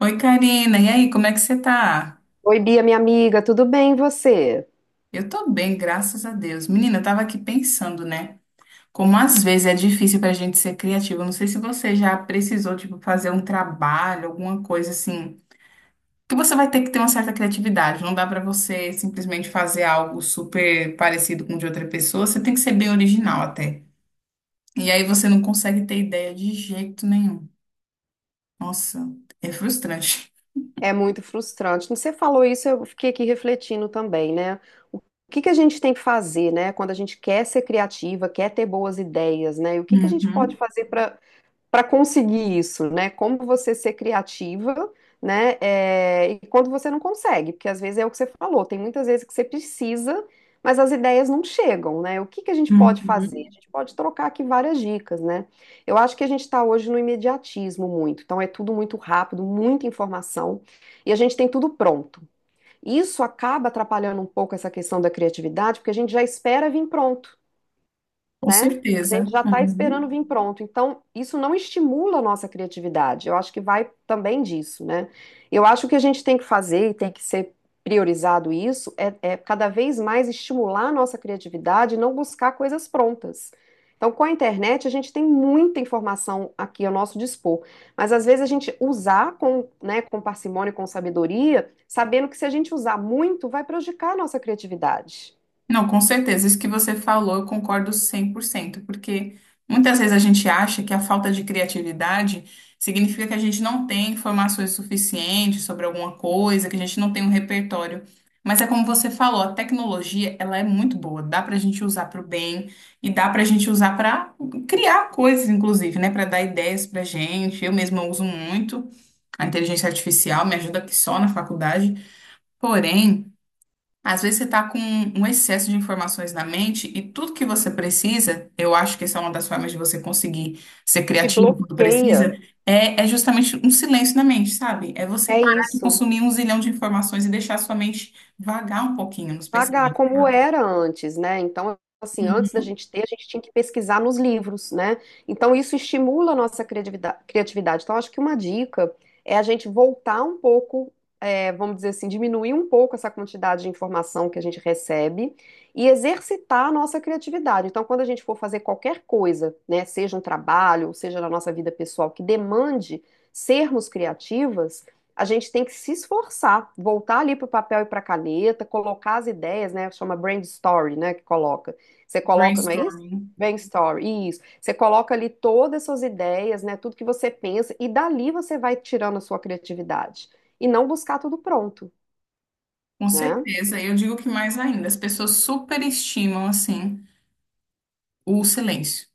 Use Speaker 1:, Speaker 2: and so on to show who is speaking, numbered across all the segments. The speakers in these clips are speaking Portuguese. Speaker 1: Oi, Karina. E aí, como é que você tá?
Speaker 2: Oi, Bia, minha amiga, tudo bem e você?
Speaker 1: Eu tô bem, graças a Deus. Menina, eu tava aqui pensando, né? Como às vezes é difícil pra gente ser criativo. Eu não sei se você já precisou, tipo, fazer um trabalho, alguma coisa assim, que você vai ter que ter uma certa criatividade. Não dá pra você simplesmente fazer algo super parecido com o de outra pessoa. Você tem que ser bem original até. E aí você não consegue ter ideia de jeito nenhum. Nossa, é frustrante.
Speaker 2: É muito frustrante. Quando você falou isso, eu fiquei aqui refletindo também, né? O que a gente tem que fazer, né? Quando a gente quer ser criativa, quer ter boas ideias, né? E o que a gente pode
Speaker 1: Uhum,
Speaker 2: fazer para conseguir isso, né? Como você ser criativa, né? É, e quando você não consegue, porque às vezes é o que você falou, tem muitas vezes que você precisa, mas as ideias não chegam, né? O que a gente pode fazer? A
Speaker 1: uhum.
Speaker 2: gente pode trocar aqui várias dicas, né? Eu acho que a gente está hoje no imediatismo muito, então é tudo muito rápido, muita informação, e a gente tem tudo pronto. Isso acaba atrapalhando um pouco essa questão da criatividade, porque a gente já espera vir pronto,
Speaker 1: Com
Speaker 2: né? A gente
Speaker 1: certeza.
Speaker 2: já está
Speaker 1: Uhum.
Speaker 2: esperando vir pronto. Então, isso não estimula a nossa criatividade. Eu acho que vai também disso, né? Eu acho que a gente tem que fazer e tem que ser priorizado isso é cada vez mais estimular a nossa criatividade e não buscar coisas prontas. Então, com a internet, a gente tem muita informação aqui ao nosso dispor, mas às vezes a gente usar com, né, com parcimônia, e com sabedoria, sabendo que se a gente usar muito, vai prejudicar a nossa criatividade.
Speaker 1: Não, com certeza. Isso que você falou, eu concordo 100%, porque muitas vezes a gente acha que a falta de criatividade significa que a gente não tem informações suficientes sobre alguma coisa, que a gente não tem um repertório. Mas é como você falou, a tecnologia, ela é muito boa, dá para a gente usar para o bem e dá para a gente usar para criar coisas, inclusive, né, para dar ideias para gente. Eu mesma uso muito a inteligência artificial, me ajuda aqui só na faculdade. Porém, às vezes você está com um excesso de informações na mente e tudo que você precisa, eu acho que essa é uma das formas de você conseguir ser
Speaker 2: Te
Speaker 1: criativo quando
Speaker 2: bloqueia.
Speaker 1: precisa, é justamente um silêncio na mente, sabe? É você
Speaker 2: É
Speaker 1: parar de
Speaker 2: isso.
Speaker 1: consumir um zilhão de informações e deixar a sua mente vagar um pouquinho nos
Speaker 2: Pagar
Speaker 1: pensamentos,
Speaker 2: como
Speaker 1: sabe?
Speaker 2: era antes, né? Então, assim, antes da
Speaker 1: Uhum.
Speaker 2: gente ter, a gente tinha que pesquisar nos livros, né? Então, isso estimula a nossa criatividade. Então, acho que uma dica é a gente voltar um pouco, é, vamos dizer assim, diminuir um pouco essa quantidade de informação que a gente recebe e exercitar a nossa criatividade. Então, quando a gente for fazer qualquer coisa, né, seja um trabalho, seja na nossa vida pessoal, que demande sermos criativas, a gente tem que se esforçar, voltar ali para o papel e para a caneta, colocar as ideias, né? Chama brain story, né? Que coloca. Você coloca, não é isso?
Speaker 1: Brainstorming.
Speaker 2: Brain story, isso. Você coloca ali todas as suas ideias, né? Tudo que você pensa, e dali você vai tirando a sua criatividade. E não buscar tudo pronto,
Speaker 1: Com
Speaker 2: né?
Speaker 1: certeza. Eu digo que mais ainda, as pessoas superestimam, assim, o silêncio.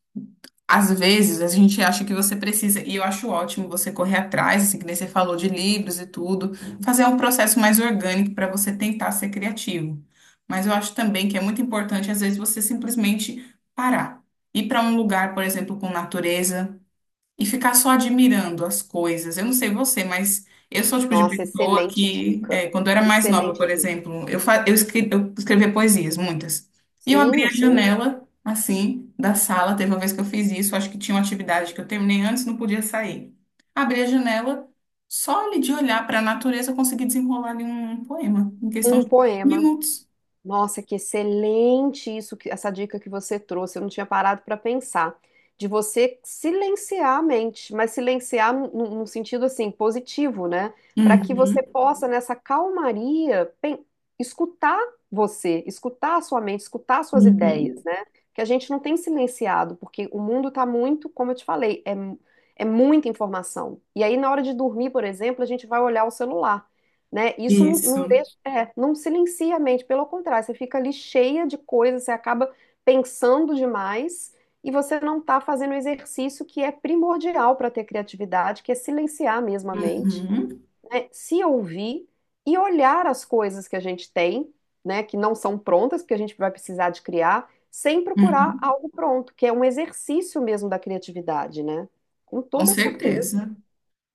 Speaker 1: Às vezes a gente acha que você precisa, e eu acho ótimo você correr atrás, assim, que nem você falou de livros e tudo, fazer um processo mais orgânico para você tentar ser criativo. Mas eu acho também que é muito importante, às vezes, você simplesmente parar. Ir para um lugar, por exemplo, com natureza, e ficar só admirando as coisas. Eu não sei você, mas eu sou o tipo de
Speaker 2: Nossa,
Speaker 1: pessoa
Speaker 2: excelente
Speaker 1: que,
Speaker 2: dica.
Speaker 1: é, quando eu era mais nova,
Speaker 2: Excelente
Speaker 1: por
Speaker 2: dica.
Speaker 1: exemplo, eu escrevia poesias, muitas. E eu
Speaker 2: Sim,
Speaker 1: abria
Speaker 2: eu
Speaker 1: a
Speaker 2: sei.
Speaker 1: janela, assim, da sala. Teve uma vez que eu fiz isso, acho que tinha uma atividade que eu terminei antes, não podia sair. Abri a janela, só ali de olhar para a natureza, eu consegui desenrolar ali um poema, em questão
Speaker 2: Um
Speaker 1: de poucos
Speaker 2: poema.
Speaker 1: minutos.
Speaker 2: Nossa, que excelente isso, essa dica que você trouxe. Eu não tinha parado para pensar. De você silenciar a mente, mas silenciar num sentido assim positivo, né? Para que você
Speaker 1: Uhum,
Speaker 2: possa, nessa calmaria, escutar você, escutar a sua mente, escutar as suas ideias,
Speaker 1: uhum.
Speaker 2: né? Que a gente não tem silenciado, porque o mundo está muito, como eu te falei, é, é muita informação. E aí, na hora de dormir, por exemplo, a gente vai olhar o celular, né? Isso não
Speaker 1: Isso.
Speaker 2: é, não silencia a mente, pelo contrário, você fica ali cheia de coisas, você acaba pensando demais e você não está fazendo o exercício que é primordial para ter criatividade, que é silenciar mesmo a mente,
Speaker 1: Uhum,
Speaker 2: né? Se ouvir e olhar as coisas que a gente tem, né, que não são prontas, porque a gente vai precisar de criar, sem procurar
Speaker 1: uhum.
Speaker 2: algo pronto, que é um exercício mesmo da criatividade, né? Com
Speaker 1: Com
Speaker 2: toda certeza.
Speaker 1: certeza.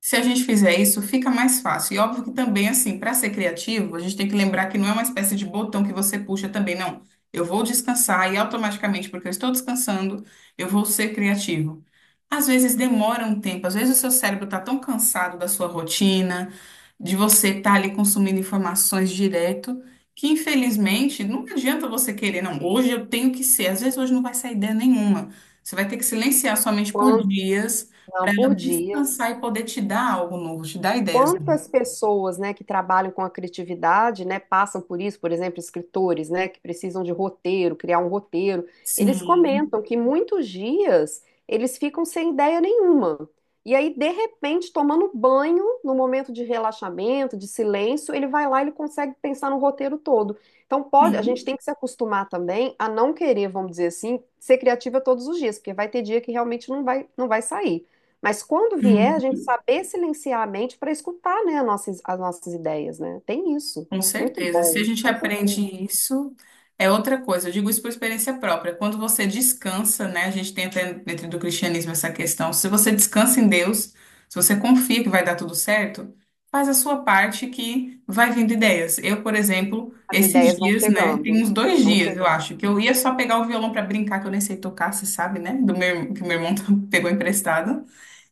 Speaker 1: Se a gente fizer isso, fica mais fácil. E óbvio que também, assim, para ser criativo, a gente tem que lembrar que não é uma espécie de botão que você puxa também, não. Eu vou descansar e automaticamente, porque eu estou descansando, eu vou ser criativo. Às vezes demora um tempo, às vezes o seu cérebro está tão cansado da sua rotina, de você estar ali consumindo informações direto, que infelizmente não adianta você querer, não, hoje eu tenho que ser. Às vezes hoje não vai sair ideia nenhuma. Você vai ter que silenciar sua mente por
Speaker 2: Quanto?
Speaker 1: dias
Speaker 2: Não,
Speaker 1: para ela
Speaker 2: por
Speaker 1: descansar
Speaker 2: dias.
Speaker 1: e poder te dar algo novo, te dar ideias.
Speaker 2: Quantas
Speaker 1: novas.
Speaker 2: pessoas, né, que trabalham com a criatividade, né, passam por isso, por exemplo, escritores, né, que precisam de roteiro, criar um roteiro, eles
Speaker 1: Sim,
Speaker 2: comentam que muitos dias eles ficam sem ideia nenhuma. E aí, de repente, tomando banho, no momento de relaxamento, de silêncio, ele vai lá e ele consegue pensar no roteiro todo. Então, pode, a gente tem que se acostumar também a não querer, vamos dizer assim, ser criativa todos os dias, porque vai ter dia que realmente não vai sair. Mas quando vier, a
Speaker 1: sim.
Speaker 2: gente saber silenciar a mente para escutar, né, as as nossas ideias, né? Tem isso.
Speaker 1: Com
Speaker 2: Muito
Speaker 1: certeza. Se a
Speaker 2: bom,
Speaker 1: gente
Speaker 2: com
Speaker 1: aprende
Speaker 2: certeza.
Speaker 1: isso, é outra coisa. Eu digo isso por experiência própria. Quando você descansa, né? A gente tem até dentro do cristianismo essa questão. Se você descansa em Deus, se você confia que vai dar tudo certo, faz a sua parte que vai vindo ideias. Eu, por exemplo,
Speaker 2: As
Speaker 1: esses
Speaker 2: ideias vão
Speaker 1: dias, né?
Speaker 2: chegando,
Speaker 1: Tem uns dois
Speaker 2: vão
Speaker 1: dias, eu
Speaker 2: chegando.
Speaker 1: acho, que eu ia só pegar o violão para brincar, que eu nem sei tocar, você sabe, né? Do meu, que meu irmão pegou emprestado.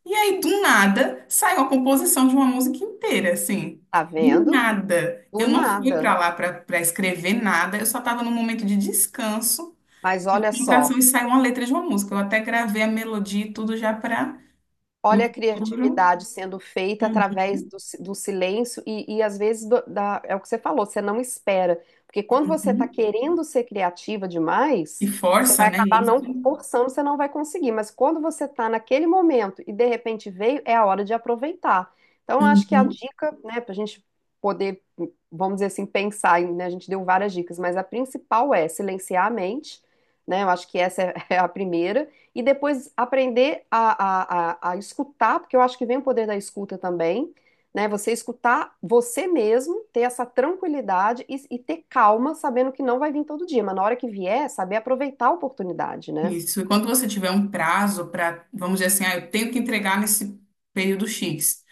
Speaker 1: E aí, do nada, saiu a composição de uma música inteira, assim.
Speaker 2: Tá
Speaker 1: Do
Speaker 2: vendo?
Speaker 1: nada.
Speaker 2: Do
Speaker 1: Eu não fui
Speaker 2: nada.
Speaker 1: para lá para escrever nada, eu só estava num momento de descanso,
Speaker 2: Mas
Speaker 1: de
Speaker 2: olha
Speaker 1: concentração,
Speaker 2: só.
Speaker 1: e saiu uma letra de uma música. Eu até gravei a melodia e tudo já para no
Speaker 2: Olha a
Speaker 1: futuro.
Speaker 2: criatividade sendo feita
Speaker 1: Uhum,
Speaker 2: através do, do silêncio e às vezes é o que você falou, você não espera. Porque quando você está
Speaker 1: uhum.
Speaker 2: querendo ser criativa
Speaker 1: E
Speaker 2: demais, você
Speaker 1: força,
Speaker 2: vai
Speaker 1: né?
Speaker 2: acabar
Speaker 1: Isso.
Speaker 2: não forçando, você não vai conseguir. Mas quando você está naquele momento e de repente veio, é a hora de aproveitar. Então, acho que a
Speaker 1: Uhum.
Speaker 2: dica, né, para a gente poder, vamos dizer assim, pensar, né, a gente deu várias dicas, mas a principal é silenciar a mente, né? Eu acho que essa é é a primeira e depois aprender a escutar, porque eu acho que vem o poder da escuta também, né? Você escutar você mesmo, ter essa tranquilidade e ter calma, sabendo que não vai vir todo dia, mas na hora que vier, saber aproveitar a oportunidade, né?
Speaker 1: Isso. E quando você tiver um prazo para, vamos dizer assim, ah, eu tenho que entregar nesse período X.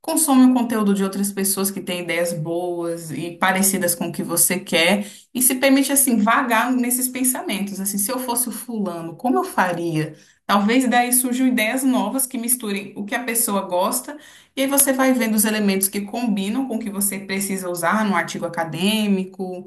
Speaker 1: Consome o conteúdo de outras pessoas que têm ideias boas e parecidas com o que você quer e se permite assim vagar nesses pensamentos, assim, se eu fosse o fulano, como eu faria? Talvez daí surjam ideias novas que misturem o que a pessoa gosta e aí você vai vendo os elementos que combinam com o que você precisa usar no artigo acadêmico,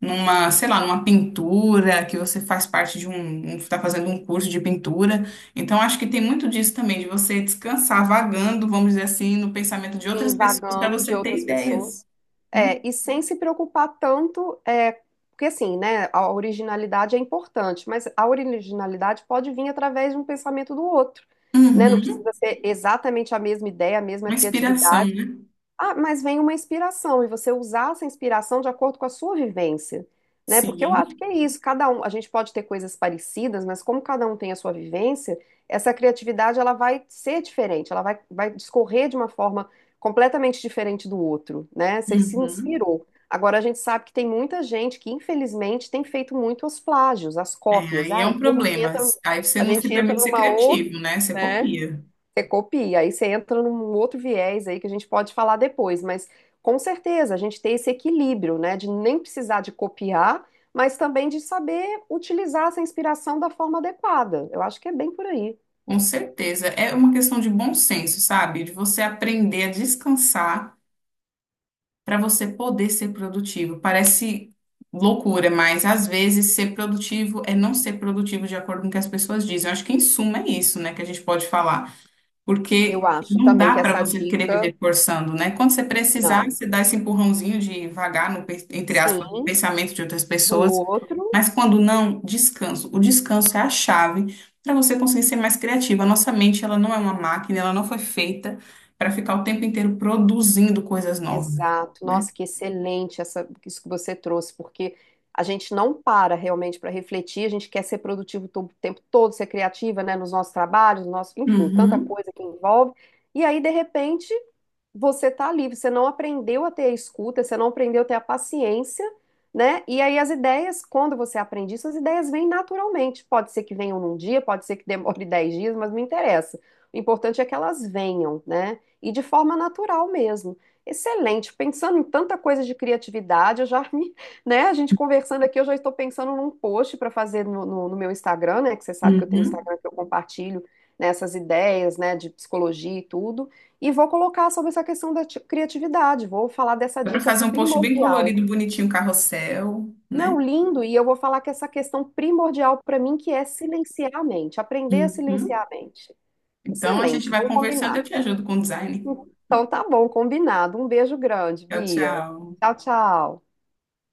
Speaker 1: numa, sei lá, numa pintura, que você faz parte de um, está fazendo um curso de pintura. Então, acho que tem muito disso também, de você descansar vagando, vamos dizer assim, no pensamento de outras pessoas para
Speaker 2: Invagando de
Speaker 1: você ter
Speaker 2: outras
Speaker 1: ideias,
Speaker 2: pessoas.
Speaker 1: né?
Speaker 2: É, e sem se preocupar tanto, é, porque assim, né, a originalidade é importante, mas a originalidade pode vir através de um pensamento do outro, né? Não
Speaker 1: Uhum.
Speaker 2: precisa ser exatamente a mesma ideia, a mesma
Speaker 1: Uma inspiração,
Speaker 2: criatividade.
Speaker 1: né?
Speaker 2: Ah, mas vem uma inspiração e você usar essa inspiração de acordo com a sua vivência, né? Porque eu acho
Speaker 1: Sim.
Speaker 2: que é isso, cada um, a gente pode ter coisas parecidas, mas como cada um tem a sua vivência, essa criatividade ela vai ser diferente, ela vai, vai discorrer de uma forma completamente diferente do outro, né? Você se
Speaker 1: Uhum.
Speaker 2: inspirou. Agora a gente sabe que tem muita gente que infelizmente tem feito muito os plágios, as
Speaker 1: É,
Speaker 2: cópias.
Speaker 1: aí é
Speaker 2: Aí
Speaker 1: um problema. Aí você
Speaker 2: a
Speaker 1: não se
Speaker 2: gente entra
Speaker 1: permite ser
Speaker 2: numa outra,
Speaker 1: criativo, né? Você
Speaker 2: né?
Speaker 1: copia.
Speaker 2: Você copia, aí você entra num outro viés aí que a gente pode falar depois, mas com certeza a gente tem esse equilíbrio, né, de nem precisar de copiar, mas também de saber utilizar essa inspiração da forma adequada. Eu acho que é bem por aí.
Speaker 1: Com certeza. É uma questão de bom senso, sabe? De você aprender a descansar para você poder ser produtivo. Parece loucura, mas às vezes ser produtivo é não ser produtivo de acordo com o que as pessoas dizem. Eu acho que em suma é isso, né, que a gente pode falar,
Speaker 2: Eu
Speaker 1: porque
Speaker 2: acho
Speaker 1: não
Speaker 2: também que
Speaker 1: dá para
Speaker 2: essa
Speaker 1: você querer
Speaker 2: dica,
Speaker 1: viver forçando, né? Quando você precisar,
Speaker 2: não,
Speaker 1: você dá esse empurrãozinho de vagar entre aspas, no
Speaker 2: sim,
Speaker 1: pensamento de outras
Speaker 2: do
Speaker 1: pessoas.
Speaker 2: outro.
Speaker 1: Mas quando não, descanso. O descanso é a chave para você conseguir ser mais criativo. A nossa mente, ela não é uma máquina, ela não foi feita para ficar o tempo inteiro produzindo coisas novas,
Speaker 2: Exato.
Speaker 1: né?
Speaker 2: Nossa, que excelente essa, isso que você trouxe, porque a gente não para realmente para refletir, a gente quer ser produtivo o tempo todo, ser criativa, né, nos nossos trabalhos, no nosso, enfim, tanta
Speaker 1: Uhum,
Speaker 2: coisa que envolve. E aí, de repente, você tá ali, você não aprendeu a ter a escuta, você não aprendeu a ter a paciência, né? E aí as ideias, quando você aprende isso, as ideias vêm naturalmente. Pode ser que venham num dia, pode ser que demore 10 dias, mas não interessa. O importante é que elas venham, né? E de forma natural mesmo. Excelente. Pensando em tanta coisa de criatividade, eu já me, né? A gente conversando aqui, eu já estou pensando num post para fazer no meu Instagram, né? Que você sabe que eu tenho um
Speaker 1: uhum.
Speaker 2: Instagram que eu compartilho nessas ideias, né? De psicologia e tudo. E vou colocar sobre essa questão da criatividade, vou falar dessa
Speaker 1: Dá para
Speaker 2: dica
Speaker 1: fazer um post bem
Speaker 2: primordial.
Speaker 1: colorido, bonitinho, carrossel, né?
Speaker 2: Não, lindo, e eu vou falar que essa questão primordial para mim que é silenciar a mente, aprender a silenciar
Speaker 1: Uhum.
Speaker 2: a mente.
Speaker 1: Então a gente
Speaker 2: Excelente,
Speaker 1: vai
Speaker 2: vamos
Speaker 1: conversando,
Speaker 2: combinar.
Speaker 1: eu te ajudo com o design.
Speaker 2: Então tá bom, combinado. Um beijo grande,
Speaker 1: Tchau,
Speaker 2: Bia.
Speaker 1: tchau.
Speaker 2: Tchau, tchau.